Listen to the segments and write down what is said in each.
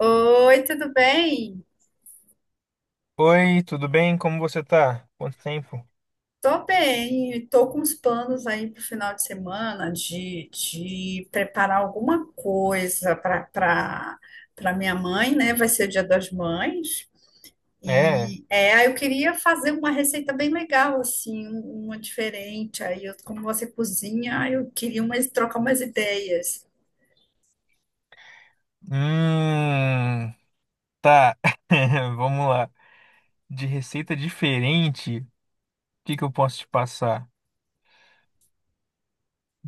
Oi, tudo bem? Oi, tudo bem? Como você tá? Quanto tempo? Tô bem, tô com uns planos aí pro final de semana de preparar alguma coisa para minha mãe, né? Vai ser o Dia das Mães. É. E é, aí eu queria fazer uma receita bem legal, assim, uma diferente. Aí, eu, como você cozinha, aí eu queria umas, trocar umas ideias. Hum, tá. Vamos lá. De receita diferente, o que que eu posso te passar?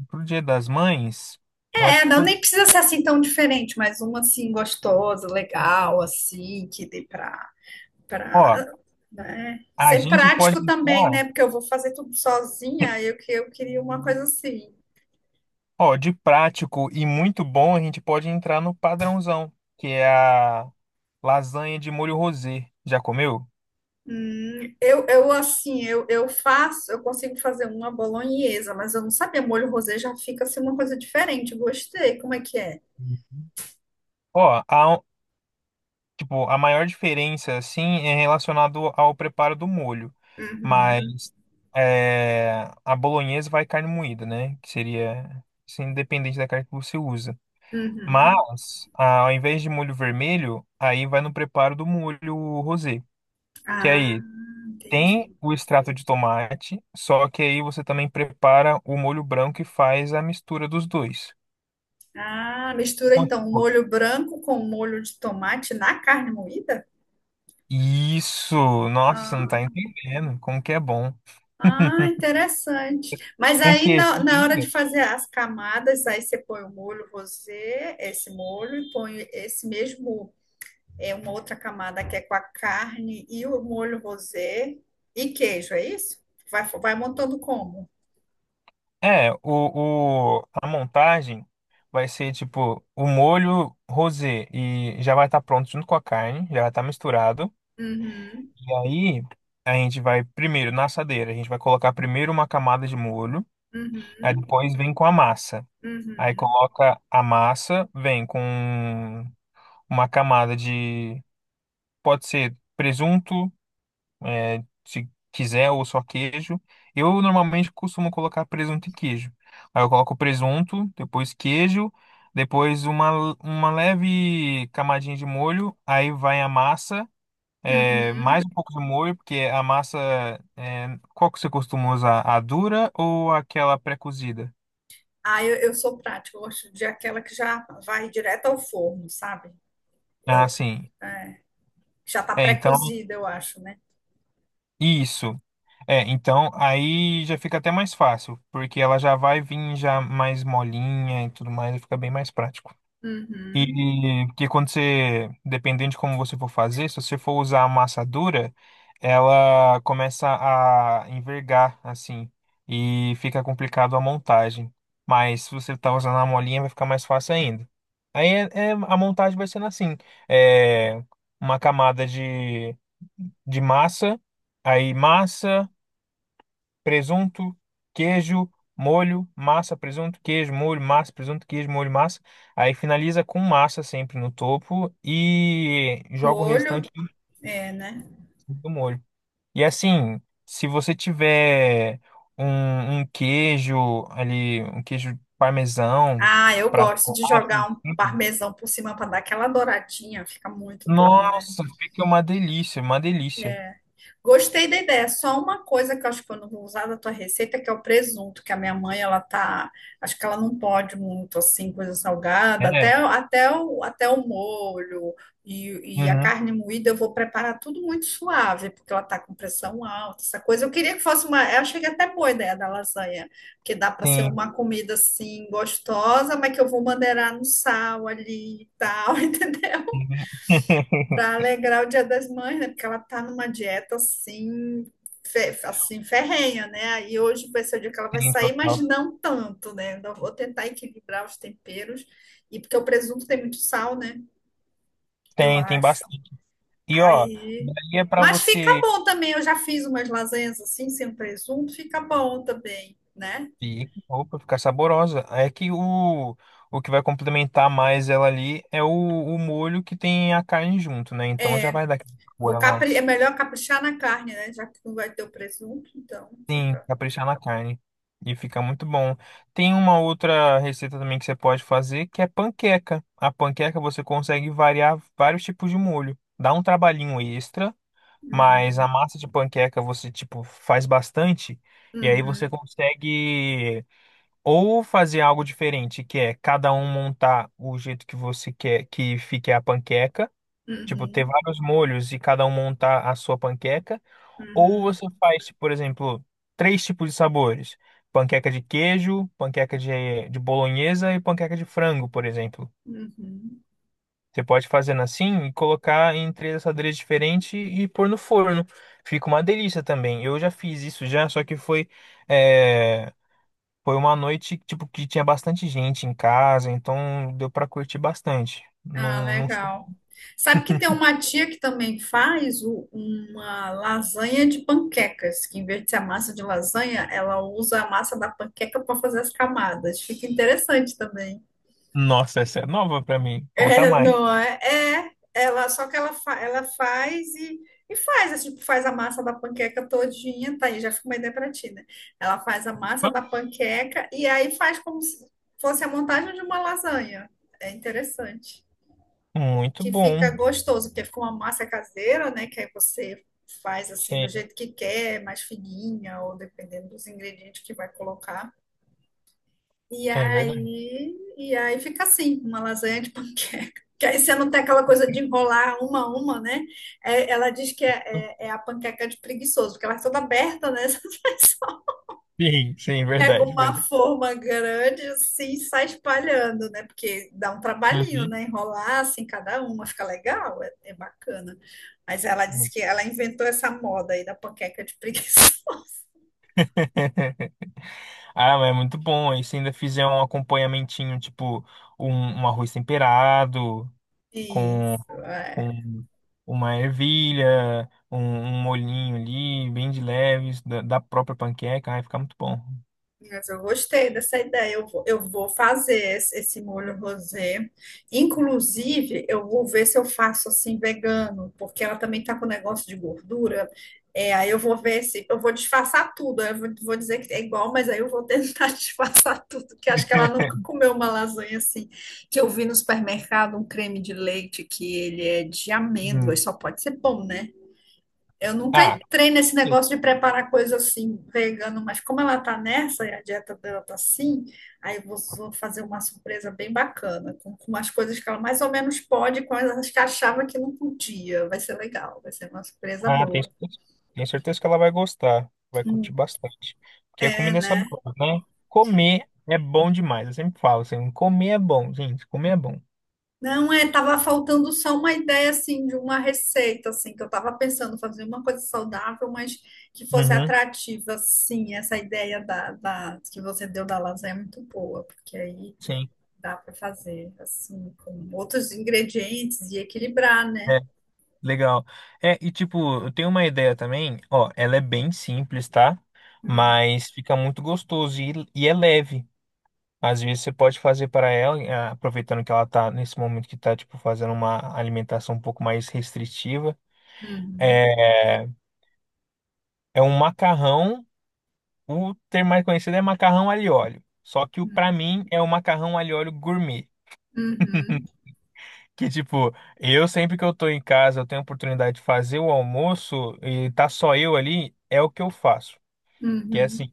Pro Dia das Mães, eu acho É, que, não, nem precisa ser assim tão diferente, mas uma assim gostosa, legal, assim, que dê para ó, Pra, né, a ser gente pode prático também, né? entrar, Porque eu vou fazer tudo sozinha, eu, eu queria uma coisa assim. ó, de prático e muito bom, a gente pode entrar no padrãozão, que é a lasanha de molho rosé. Já comeu? Eu assim, eu faço, eu consigo fazer uma bolonhesa, mas eu não sabia, molho rosé já fica assim uma coisa diferente. Gostei, como é que é? Ó, tipo, a maior diferença, assim, é relacionado ao preparo do molho. Uhum, Mas é, a bolonhesa vai carne moída, né? Que seria, assim, independente da carne que você usa. uhum. Mas, ah, ao invés de molho vermelho, aí vai no preparo do molho rosé. Que Ah, aí tem entendi. o extrato de tomate, só que aí você também prepara o molho branco e faz a mistura dos dois. Ah, mistura Então, então tipo, molho branco com molho de tomate na carne moída? isso! Nossa, você não tá Ah. entendendo como que é bom. Ah, interessante. Mas Com aí queijinho na hora de ainda? fazer as camadas, aí você põe o molho rosé, esse molho, e põe esse mesmo, é uma outra camada que é com a carne e o molho rosé e queijo, é isso? Vai montando como? É, a montagem vai ser tipo o molho rosé e já vai estar pronto junto com a carne, já vai estar misturado. Uhum, E aí a gente vai primeiro na assadeira, a gente vai colocar primeiro uma camada de molho, aí uhum, depois vem com a massa. Aí uhum, coloca a massa, vem com uma camada de, pode ser presunto, é, se quiser ou só queijo. Eu normalmente costumo colocar presunto e queijo. Aí eu coloco presunto, depois queijo, depois uma leve camadinha de molho, aí vai a massa, é, uhum. mais um pouco de molho, porque a massa, é, qual que você costuma usar? A dura ou aquela pré-cozida? Ah, eu sou prática, eu gosto de aquela que já vai direto ao forno, sabe? Eu, Ah, sim. é, já tá É, então, pré-cozida, eu acho, né? isso. É, então aí já fica até mais fácil, porque ela já vai vir já mais molinha e tudo mais, e fica bem mais prático. Uhum. E porque quando você, dependendo de como você for fazer, se você for usar a massa dura, ela começa a envergar assim e fica complicado a montagem. Mas se você tá usando a molinha, vai ficar mais fácil ainda. Aí a montagem vai sendo assim, é uma camada de, massa, aí massa presunto, queijo, molho, massa, presunto, queijo, molho, massa, presunto, queijo, molho, massa. Aí finaliza com massa sempre no topo e joga o Molho. restante tudo É, né? do molho. E assim, se você tiver um queijo ali, um queijo parmesão Ah, eu para gosto de jogar um parmesão por cima para dar aquela douradinha, fica muito bom, né? nossa, fica uma delícia, uma delícia. Gostei da ideia. Só uma coisa que eu acho que eu não vou usar da tua receita, que é o presunto, que a minha mãe, ela tá, acho que ela não pode muito assim, coisa salgada, É, até o, até o molho e a uhum, carne moída eu vou preparar tudo muito suave, porque ela tá com pressão alta, essa coisa. Eu queria que fosse uma, eu achei que até boa a ideia da lasanha, que dá para ser sim, uma comida assim gostosa, mas que eu vou maneirar no sal ali e tal, entendeu? sim, Para alegrar o Dia das Mães, né? Porque ela tá numa dieta assim, assim ferrenha, né? Aí hoje vai ser o dia que ela vai sim, sair, mas total. não tanto, né? Ainda vou tentar equilibrar os temperos. E porque o presunto tem muito sal, né? Eu Tem acho. bastante. E ó, Aí. daí é pra Mas fica você bom também. Eu já fiz umas lasanhas assim, sem presunto, fica bom também, né? Opa, ficar saborosa. É que o que vai complementar mais ela ali é o molho que tem a carne junto, né? Então já vai dar aquele sabor a É mais. melhor caprichar na carne, né? Já que não vai ter o presunto, então Sim, fica. caprichar na carne. E fica muito bom. Tem uma outra receita também que você pode fazer, que é panqueca. A panqueca você consegue variar vários tipos de molho. Dá um trabalhinho extra, mas a Uhum, massa de panqueca você, tipo, faz bastante. E aí você uhum, consegue. Ou fazer algo diferente, que é cada um montar o jeito que você quer que fique a panqueca, tipo, ter uhum, vários molhos e cada um montar a sua panqueca. Ou uhum, você faz, tipo, por exemplo, três tipos de sabores: panqueca de queijo, panqueca de bolonhesa e panqueca de frango, por exemplo. uhum. Você pode fazer assim e colocar em três assadeiras diferentes e pôr no forno. Fica uma delícia também. Eu já fiz isso já, só que eh, foi uma noite, tipo, que tinha bastante gente em casa, então deu pra curtir bastante. Ah, Não, não. Legal. Sabe que tem uma tia que também faz uma lasanha de panquecas, que em vez de ser a massa de lasanha, ela usa a massa da panqueca para fazer as camadas. Fica interessante também. Nossa, essa é nova pra mim. Conta É, mais. não é? É, ela, só que ela, ela faz e faz, assim, tipo, faz a massa da panqueca todinha, tá aí, já fica uma ideia pra ti, né? Ela faz a massa da panqueca e aí faz como se fosse a montagem de uma lasanha. É interessante. Muito Que fica bom. gostoso, porque fica uma massa caseira, né? Que aí você faz assim do Sim, jeito que quer, mais fininha, ou dependendo dos ingredientes que vai colocar. É verdade. E aí fica assim, uma lasanha de panqueca. Que aí você não tem aquela coisa de enrolar uma a uma, né? É, ela diz que é, é a panqueca de preguiçoso, porque ela é toda aberta, né? Sim, sim, Pega verdade, uma verdade. forma grande assim e sai espalhando, né? Porque dá um trabalhinho, Uhum. né? Enrolar assim cada uma, fica legal, é, é bacana. Mas ela disse Muito. que ela inventou essa moda aí da panqueca de preguiçoso. Ah, mas é muito bom. E se ainda fizer um acompanhamentinho, tipo um, um arroz temperado com, Isso, é. com uma ervilha, um molhinho ali, bem de leves, da própria panqueca, vai ficar muito bom. Mas eu gostei dessa ideia. Eu vou fazer esse molho rosé. Inclusive, eu vou ver se eu faço assim vegano, porque ela também tá com negócio de gordura. É, aí eu vou ver se eu vou disfarçar tudo. Aí eu vou, vou dizer que é igual, mas aí eu vou tentar disfarçar tudo, que acho que ela nunca comeu uma lasanha assim. Que eu vi no supermercado um creme de leite que ele é de amêndoas, Hum. só pode ser bom, né? Eu nunca Ah, entrei nesse e- negócio de preparar coisa assim, vegano, mas como ela tá nessa e a dieta dela tá assim, aí eu vou, vou fazer uma surpresa bem bacana, com umas coisas que ela mais ou menos pode, com as que achava que não podia. Vai ser legal, vai ser uma surpresa ah, tem boa. certeza, tenho certeza que ela vai gostar, vai curtir Hum, bastante. Porque a É, comida é né? saborosa, né? Comer é bom demais, eu sempre falo assim, comer é bom, gente, comer é bom. Não, é, tava faltando só uma ideia, assim, de uma receita, assim, que eu tava pensando fazer uma coisa saudável, mas que fosse Uhum, atrativa, sim, essa ideia que você deu da lasanha é muito boa, porque aí sim, dá para fazer assim, com outros ingredientes e equilibrar, né? é, legal. É, e tipo, eu tenho uma ideia também, ó, ela é bem simples, tá? Uhum, Mas fica muito gostoso e é leve. Às vezes você pode fazer para ela, eh, aproveitando que ela tá nesse momento que tá, tipo, fazendo uma alimentação um pouco mais restritiva. uhum, É um macarrão. O termo mais conhecido é macarrão alho e óleo. Só que o para mim é o macarrão alho e óleo gourmet. uhum, Que tipo, eu sempre que eu tô em casa, eu tenho a oportunidade de fazer o almoço e tá só eu ali, é o que eu faço. Que é uhum, assim,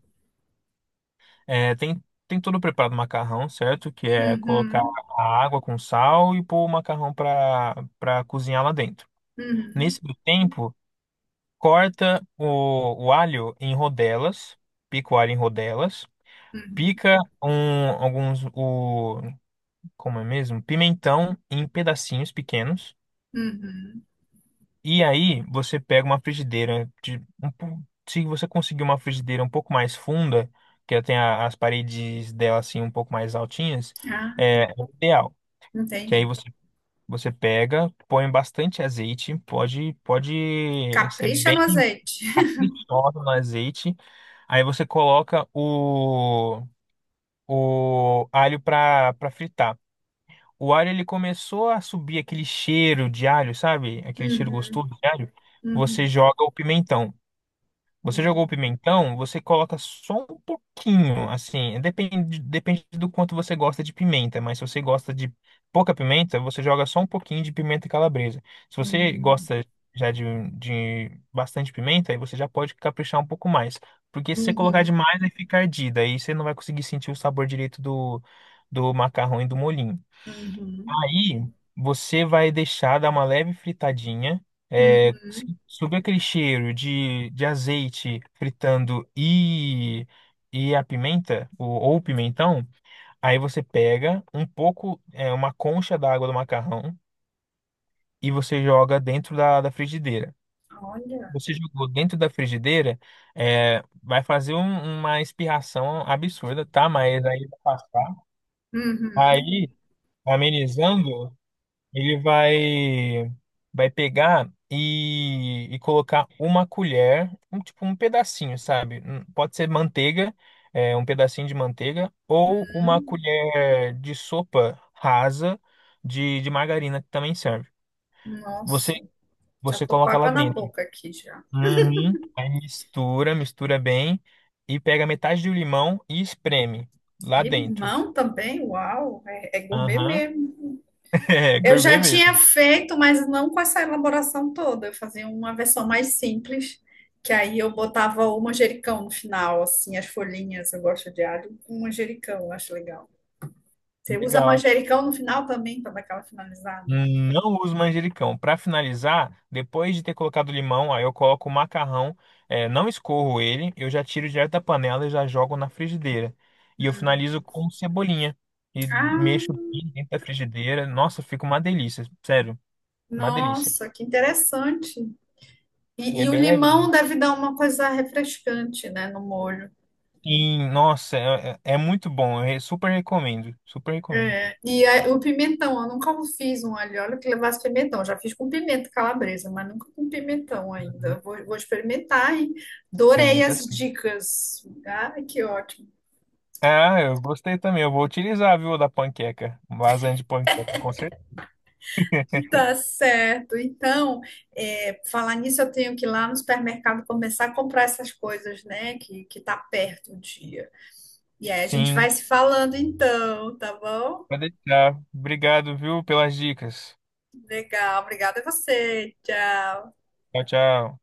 é, tem tudo preparado o macarrão, certo? Que é colocar uhum, a água com sal e pôr o macarrão para cozinhar lá dentro. uhum, Nesse meio tempo, corta o alho em rodelas, pica o alho em rodelas, uhum, pica um, alguns o. Como é mesmo? Pimentão em pedacinhos pequenos. uhum. E aí você pega uma frigideira de um se você conseguir uma frigideira um pouco mais funda, que ela tem as paredes dela assim um pouco mais altinhas, Ah, é, é o ideal. Que aí entendi. você você pega, põe bastante azeite, pode ser Capricha bem no azeite. fritada no azeite. Aí você coloca o alho para fritar. O alho ele começou a subir aquele cheiro de alho, sabe? Aquele cheiro Uhum, gostoso de alho. Você uhum, joga o pimentão. Você jogou o uhum, pimentão, você coloca só um pouquinho, assim, depende, depende do quanto você gosta de pimenta, mas se você gosta de pouca pimenta, você joga só um pouquinho de pimenta calabresa. Se você uhum, gosta já de, bastante pimenta, aí você já pode caprichar um pouco mais. Porque se você colocar uhum, demais, aí fica ardida, aí você não vai conseguir sentir o sabor direito do, macarrão e do molhinho. uhum, Aí você vai deixar dar uma leve fritadinha. É, uhum. subir aquele cheiro de, azeite fritando e a pimenta, ou, o pimentão. Aí você pega um pouco, é, uma concha d'água do macarrão e você joga dentro da, frigideira. Olha. Você jogou dentro da frigideira, é, vai fazer uma espirração absurda, tá? Mas aí vai passar. Uhum, Aí, amenizando. Ele vai pegar e colocar uma colher, um tipo um pedacinho, sabe? Pode ser manteiga, é, um pedacinho de manteiga, ou uma uhum. colher de sopa rasa de margarina que também serve. Você Nossa, já você tô com coloca lá água na dentro. boca aqui já. Uhum. Aí mistura, mistura bem e pega metade do limão e espreme lá dentro. Limão também, uau, é, é gourmet Aham. mesmo. É, Eu gourmet já tinha mesmo. feito, mas não com essa elaboração toda. Eu fazia uma versão mais simples, que aí eu botava o manjericão no final, assim, as folhinhas. Eu gosto de alho com manjericão, eu acho legal. Você usa Legal. manjericão no final também para dar aquela finalizada. Não uso manjericão. Para finalizar, depois de ter colocado o limão, aí eu coloco o macarrão, é, não escorro ele, eu já tiro direto da panela e já jogo na frigideira. E eu finalizo com cebolinha e mexo Ah, bem dentro da frigideira. Nossa, fica uma delícia, sério, uma delícia. nossa, que interessante. E é E o bem limão levinho. deve dar uma coisa refrescante, né, no molho. E nossa, é, é muito bom. Eu super recomendo, super recomendo. É, e aí, o pimentão, eu nunca fiz um alho e óleo que levasse pimentão. Já fiz com pimenta calabresa, mas nunca com pimentão Uhum. ainda. Vou experimentar e adorei Experimenta as assim. dicas. Ai, que ótimo. Ah, eu gostei também. Eu vou utilizar, viu, da panqueca. Lasanha de panqueca, com certeza. Tá certo. Então, é, falar nisso, eu tenho que ir lá no supermercado começar a comprar essas coisas, né? Que tá perto o dia. E aí a gente vai Sim. se falando então, tá bom? Pode deixar. Obrigado, viu, pelas dicas. Legal. Obrigada a você. Tchau. Tchau, tchau.